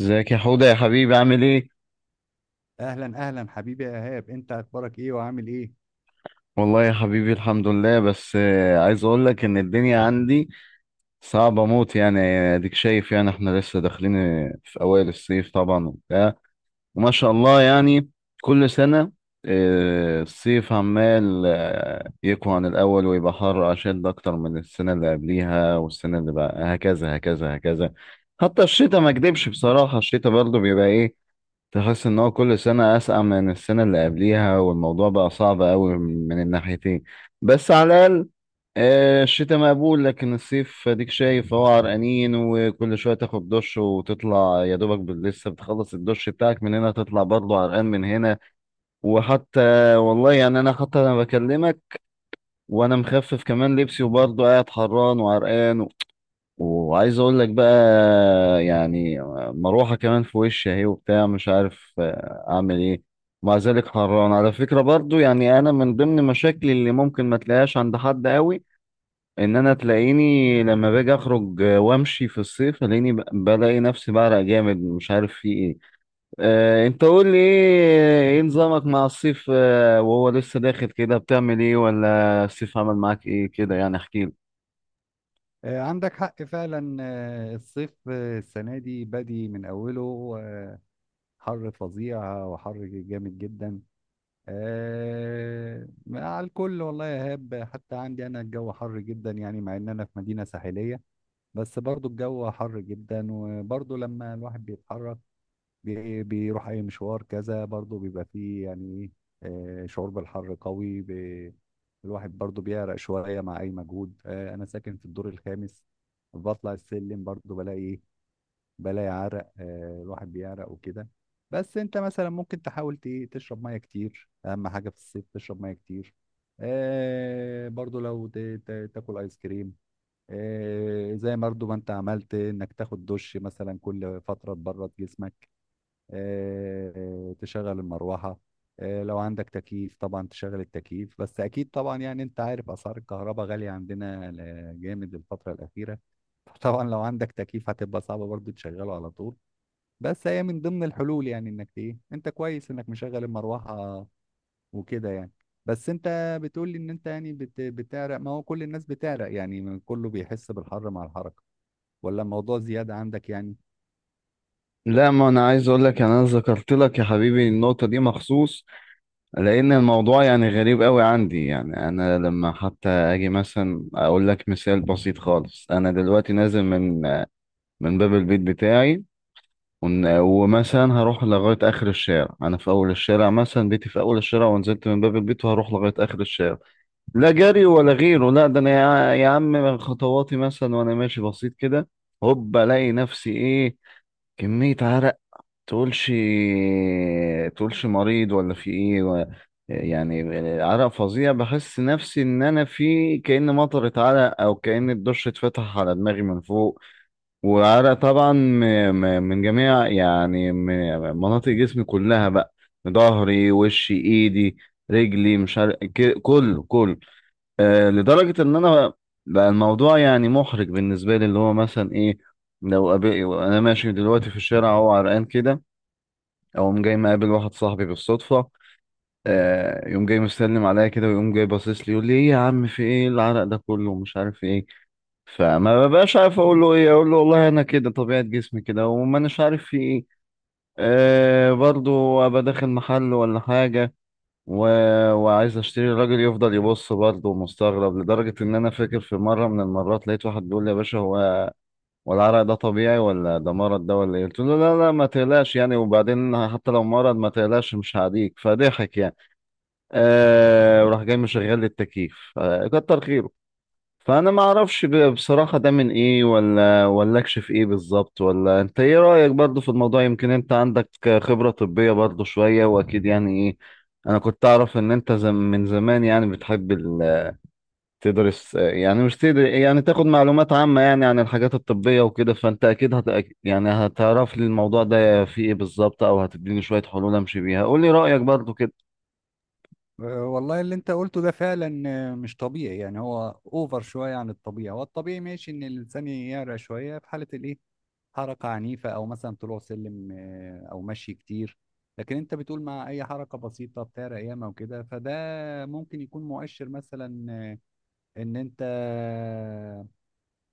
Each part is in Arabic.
ازيك يا حوده يا حبيبي؟ عامل ايه؟ اهلا، اهلا حبيبي يا ايهاب. انت اخبارك ايه وعامل ايه؟ والله يا حبيبي الحمد لله، بس عايز اقول لك ان الدنيا عندي صعبه موت يعني. اديك شايف، يعني احنا لسه داخلين في اوائل الصيف طبعا وبتاع. وما شاء الله، يعني كل سنه الصيف عمال يقوى عن الاول ويبقى حر اشد اكتر من السنه اللي قبليها، والسنه اللي بقى هكذا هكذا هكذا. حتى الشتاء ما اكدبش بصراحه، الشتاء برضه بيبقى ايه؟ تحس ان هو كل سنة اسقع من السنة اللي قبليها، والموضوع بقى صعب قوي من الناحيتين. بس على الاقل الشتاء مقبول، لكن الصيف اديك شايف هو عرقانين، وكل شوية تاخد دش وتطلع يا دوبك لسه بتخلص الدش بتاعك من هنا تطلع برضه عرقان من هنا. وحتى والله يعني، انا حتى انا بكلمك وانا مخفف كمان لبسي وبرضه قاعد حران وعرقان. وعايز اقول لك بقى، يعني مروحة كمان في وشي اهي وبتاع، مش عارف اعمل ايه. ومع ذلك حران على فكرة برضو. يعني انا من ضمن مشاكلي اللي ممكن ما تلاقيهاش عند حد قوي، ان انا تلاقيني لما باجي اخرج وامشي في الصيف تلاقيني بلاقي نفسي بعرق جامد، مش عارف في ايه. انت قول لي ايه، إيه نظامك مع الصيف وهو لسه داخل كده؟ بتعمل ايه، ولا الصيف عمل معاك ايه كده؟ يعني احكي. عندك حق فعلا. الصيف السنه دي بادي من اوله. آه، حر فظيع وحر جامد جدا آه على الكل. والله يا ايهاب، حتى عندي انا الجو حر جدا، يعني مع ان انا في مدينه ساحليه، بس برضو الجو حر جدا. وبرضو لما الواحد بيتحرك بيروح اي مشوار كذا، برضو بيبقى فيه يعني ايه شعور بالحر قوي. الواحد برضو بيعرق شوية مع اي مجهود. انا ساكن في الدور الخامس، بطلع السلم برضو بلاقي عرق. الواحد بيعرق وكده. بس انت مثلا ممكن تحاول تشرب ميه كتير. اهم حاجة في الصيف تشرب ميه كتير. برضو لو تاكل ايس كريم، زي برضو ما انت عملت، انك تاخد دش مثلا كل فترة تبرد جسمك. تشغل المروحة. لو عندك تكييف طبعا تشغل التكييف، بس أكيد طبعا يعني أنت عارف أسعار الكهرباء غالية عندنا جامد الفترة الأخيرة. طبعا لو عندك تكييف هتبقى صعبة برضو تشغله على طول، بس هي من ضمن الحلول يعني. انك ايه، انت كويس انك مشغل المروحة وكده يعني. بس انت بتقول لي ان انت يعني بتعرق. ما هو كل الناس بتعرق، يعني كله بيحس بالحر مع الحركة، ولا الموضوع زيادة عندك يعني؟ لا، ما انا عايز اقول لك، يعني انا ذكرت لك يا حبيبي النقطه دي مخصوص لان الموضوع يعني غريب قوي عندي. يعني انا لما حتى اجي مثلا اقول لك مثال بسيط خالص، انا دلوقتي نازل من باب البيت بتاعي، ومثلا هروح لغايه اخر الشارع. انا في اول الشارع، مثلا بيتي في اول الشارع، ونزلت من باب البيت وهروح لغايه اخر الشارع، لا جري ولا غيره، لا ده انا يا عم، خطواتي مثلا وانا ماشي بسيط كده، هوب الاقي نفسي ايه، كمية عرق، تقولش تقولش مريض ولا في ايه يعني عرق فظيع. بحس نفسي ان انا في كأن مطرت عرق، او كأن الدش اتفتح على دماغي من فوق. وعرق طبعا من جميع يعني مناطق جسمي كلها بقى، ظهري، وشي، ايدي، رجلي، مش عارف، كله كله. لدرجة ان انا بقى الموضوع يعني محرج بالنسبة لي، اللي هو مثلا ايه، لو قابل... انا ماشي دلوقتي في الشارع اهو عرقان كده، اقوم جاي مقابل واحد صاحبي بالصدفه، يقوم جاي مسلم عليا كده، ويقوم جاي باصص لي يقول لي ايه يا عم، في ايه؟ إيه العرق ده كله ومش عارف ايه. فما ببقاش عارف اقول له ايه، اقول له والله انا كده طبيعه جسمي كده وما اناش عارف في ايه. برضو ابقى داخل محل ولا حاجه و... وعايز اشتري، الراجل يفضل يبص برضه مستغرب، لدرجه ان انا فاكر في مره من المرات لقيت واحد بيقول لي يا باشا، هو والعرق ده طبيعي ولا ده مرض ده ولا ايه؟ قلت له لا لا، ما تقلقش يعني، وبعدين حتى لو مرض ما تقلقش مش هعديك، فضحك يعني. وراح جاي مشغل لي التكييف، كتر خيره. فانا ما اعرفش بصراحة ده من ايه، ولا اكشف ايه بالظبط، ولا انت ايه رأيك برضو في الموضوع. يمكن انت عندك خبرة طبية برضو شوية، واكيد يعني ايه، انا كنت اعرف ان انت من زمان يعني بتحب يعني مش تقدر يعني تاخد معلومات عامة يعني عن الحاجات الطبية وكده. فانت اكيد يعني هتعرف لي الموضوع ده فيه ايه بالظبط، او هتديني شوية حلول امشي بيها. قول لي رأيك برضو كده. والله اللي انت قلته ده فعلا مش طبيعي. يعني هو اوفر شويه عن الطبيعي. هو الطبيعي ماشي ان الانسان يعرق شويه في حاله الايه، حركه عنيفه، او مثلا طلوع سلم او مشي كتير. لكن انت بتقول مع اي حركه بسيطه بتعرق ياما وكده، فده ممكن يكون مؤشر مثلا ان انت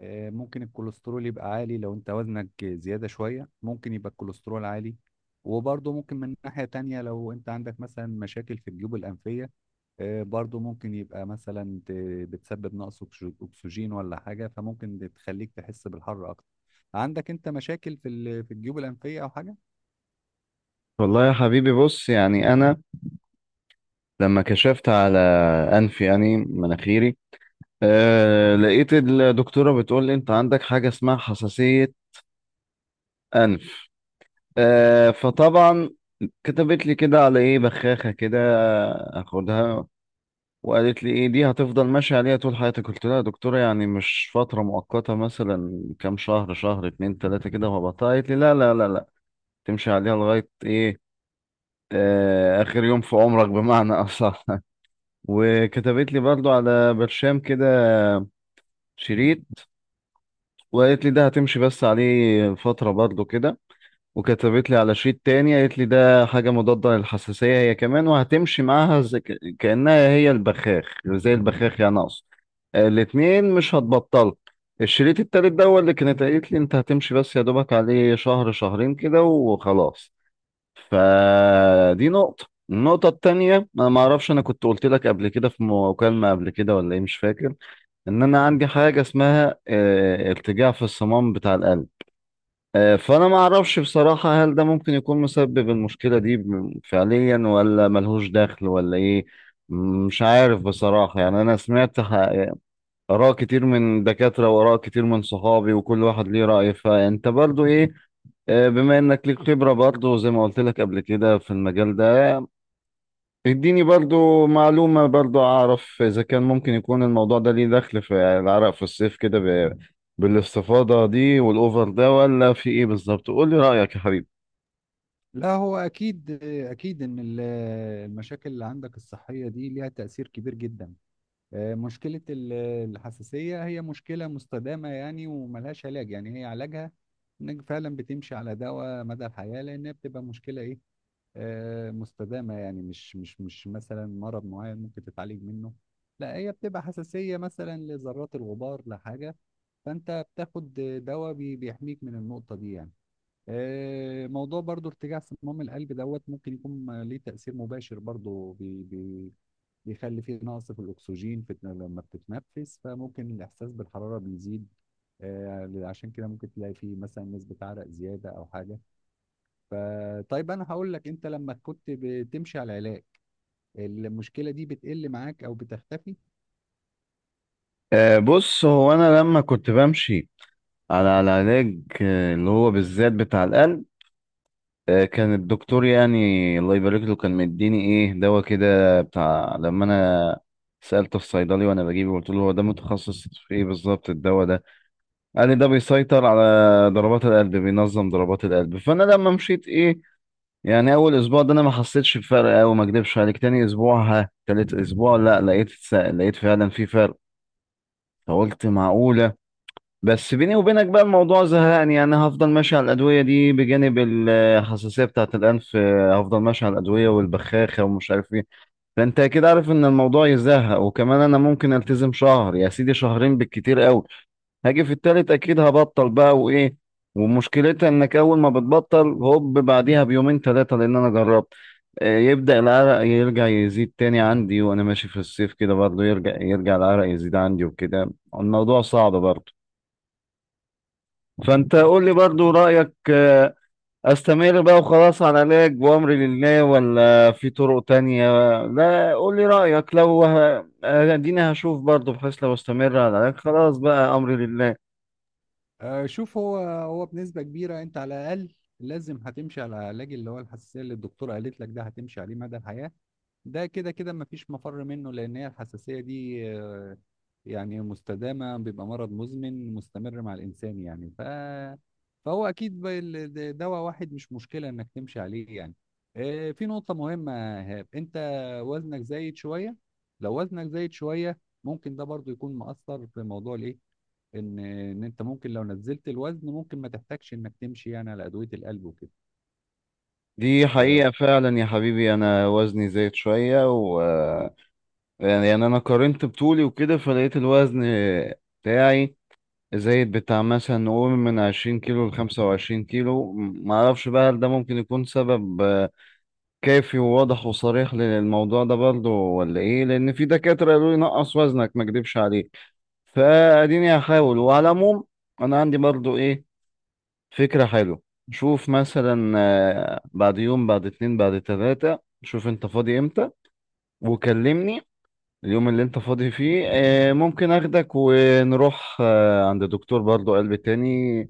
ممكن الكوليسترول يبقى عالي. لو انت وزنك زياده شويه ممكن يبقى الكوليسترول عالي. وبرضه ممكن من ناحيه تانية، لو انت عندك مثلا مشاكل في الجيوب الانفيه برضو ممكن يبقى مثلا بتسبب نقص اكسجين ولا حاجة، فممكن بتخليك تحس بالحر اكتر. عندك انت مشاكل في الجيوب الانفية او حاجة؟ والله يا حبيبي بص، يعني انا لما كشفت على انفي، يعني مناخيري، لقيت الدكتورة بتقول لي انت عندك حاجة اسمها حساسية انف. فطبعا كتبت لي كده على ايه، بخاخة كده، اخدها، وقالت لي ايه دي هتفضل ماشية عليها طول حياتك. قلت لها يا دكتورة، يعني مش فترة مؤقتة مثلا، كام شهر، شهر، اتنين، تلاتة كده وهبطلها؟ قالت لي لا لا لا لا، تمشي عليها لغاية ايه؟ اخر يوم في عمرك بمعنى اصح. وكتبت لي برضو على برشام كده، شريط، وقالت لي ده هتمشي بس عليه فترة برضو كده. وكتبت لي على شريط تاني، قالت لي ده حاجة مضادة للحساسية هي كمان، وهتمشي معاها زي كأنها هي البخاخ، زي البخاخ يعني أقصد، الاتنين مش هتبطل. الشريط التالت ده هو اللي كانت قالت لي انت هتمشي بس يا دوبك عليه شهر شهرين كده وخلاص. فدي نقطة. النقطة التانية، انا ما اعرفش، انا كنت قلت لك قبل كده في مكالمة قبل كده ولا ايه، مش فاكر، ان انا عندي حاجة اسمها ارتجاع في الصمام بتاع القلب. فانا ما اعرفش بصراحة هل ده ممكن يكون مسبب المشكلة دي فعليا، ولا ملهوش دخل ولا ايه. مش عارف بصراحة يعني، أنا سمعت آراء كتير من دكاترة وآراء كتير من صحابي، وكل واحد ليه رأي. فأنت برضو إيه، بما إنك ليك خبرة برضو زي ما قلت لك قبل كده في المجال ده، اديني برضو معلومة برضو، أعرف إذا كان ممكن يكون الموضوع ده ليه دخل في العرق في الصيف كده بالاستفاضة دي والأوفر ده، ولا في إيه بالظبط. قول لي رأيك يا حبيبي. لا، هو اكيد اكيد ان المشاكل اللي عندك الصحيه دي ليها تاثير كبير جدا. مشكله الحساسيه هي مشكله مستدامه يعني، وملهاش علاج. يعني هي علاجها انك فعلا بتمشي على دواء مدى الحياه، لانها بتبقى مشكله ايه مستدامة. يعني مش مثلا مرض معين ممكن تتعالج منه. لا، هي بتبقى حساسية مثلا لذرات الغبار، لحاجة، فأنت بتاخد دواء بيحميك من النقطة دي يعني. موضوع برضو ارتجاع صمام القلب دوت ممكن يكون ليه تأثير مباشر، برضو بي بي بيخلي فيه نقص في الأكسجين في لما بتتنفس، فممكن الإحساس بالحرارة بيزيد. عشان كده ممكن تلاقي فيه مثلا نسبة عرق زيادة أو حاجة. فطيب انا هقول لك، انت لما كنت بتمشي على العلاج المشكله دي بتقل معاك او بتختفي؟ بص هو أنا لما كنت بمشي على العلاج، اللي هو بالذات بتاع القلب، كان الدكتور يعني الله يبارك له كان مديني ايه، دواء كده بتاع، لما انا سألت الصيدلي وانا بجيبه قلت له هو ده متخصص في ايه بالظبط الدواء ده، قال لي ده بيسيطر على ضربات القلب، بينظم ضربات القلب. فانا لما مشيت ايه يعني، اول اسبوع ده انا ما حسيتش بفرق قوي ما اكدبش عليك، تاني اسبوع ها، تالت اسبوع لا، لقيت فعلا في فرق. فقلت معقولة. بس بيني وبينك بقى الموضوع زهقني يعني، هفضل ماشي على الأدوية دي بجانب الحساسية بتاعة الأنف، هفضل ماشي على الأدوية والبخاخة ومش عارف ايه. فأنت أكيد عارف إن الموضوع يزهق، وكمان أنا ممكن ألتزم شهر يا سيدي، شهرين بالكتير قوي، هاجي في التالت أكيد هبطل بقى وإيه. ومشكلتها إنك أول ما بتبطل هوب بعديها بيومين تلاتة، لأن أنا جربت، يبدأ العرق يرجع يزيد تاني عندي، وأنا ماشي في الصيف كده برضه يرجع العرق يزيد عندي وكده. الموضوع صعب برضه. فانت قول لي برضو رأيك، استمر بقى وخلاص على علاج وامري لله، ولا في طرق تانية؟ لا، قول لي رأيك، لو اديني هشوف برضو، بحيث لو استمر على العلاج خلاص بقى امري لله. شوف، هو بنسبه كبيره انت على الاقل لازم هتمشي على العلاج اللي هو الحساسيه اللي الدكتور قالت لك ده، هتمشي عليه مدى الحياه. ده كده كده مفيش مفر منه، لان هي الحساسيه دي يعني مستدامه، بيبقى مرض مزمن مستمر مع الانسان يعني، فهو اكيد دواء واحد مش مشكله انك تمشي عليه يعني. في نقطه مهمه يا هاب، انت وزنك زايد شويه. لو وزنك زايد شويه ممكن ده برضو يكون مؤثر في موضوع الايه، ان انت ممكن لو نزلت الوزن ممكن ما تحتاجش انك تمشي يعني على ادويه القلب وكده. دي حقيقة فعلا يا حبيبي، انا وزني زايد شوية و آه، يعني انا قارنت بطولي وكده، فلقيت الوزن بتاعي زايد بتاع مثلا نقول من 20 كيلو ل25 كيلو، معرفش بقى هل ده ممكن يكون سبب كافي وواضح وصريح للموضوع ده برضه ولا ايه. لان في دكاترة قالوا لي نقص وزنك ما اكدبش عليك. فاديني هحاول. وعلى العموم، انا عندي برضه ايه، فكرة حلوة. شوف مثلا بعد يوم، بعد اتنين، بعد تلاتة، شوف انت فاضي امتى وكلمني. اليوم اللي انت فاضي فيه ممكن اخدك ونروح عند دكتور برضه قلب تاني،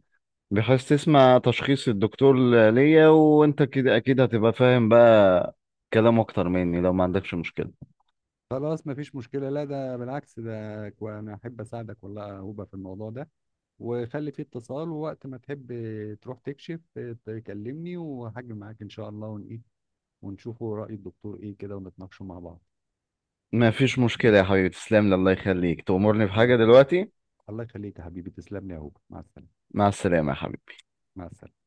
بحيث تسمع تشخيص الدكتور ليا، وانت كده اكيد هتبقى فاهم بقى كلام اكتر مني، لو ما عندكش مشكلة. خلاص مفيش مشكلة. لا ده بالعكس، ده أنا أحب أساعدك والله يا هوبا في الموضوع ده. وخلي فيه اتصال، ووقت ما تحب تروح تكشف تكلمني وهاجي معاك إن شاء الله، ون إيه ونشوفه رأي الدكتور إيه كده، ونتناقشوا مع بعض. ما فيش مشكلة يا حبيبي، تسلم لي، الله يخليك، تأمرني الله بحاجة يخليك، دلوقتي؟ الله يخليك يا حبيبي، تسلم لي يا هوبا. مع السلامة، مع السلامة يا حبيبي. مع السلامة.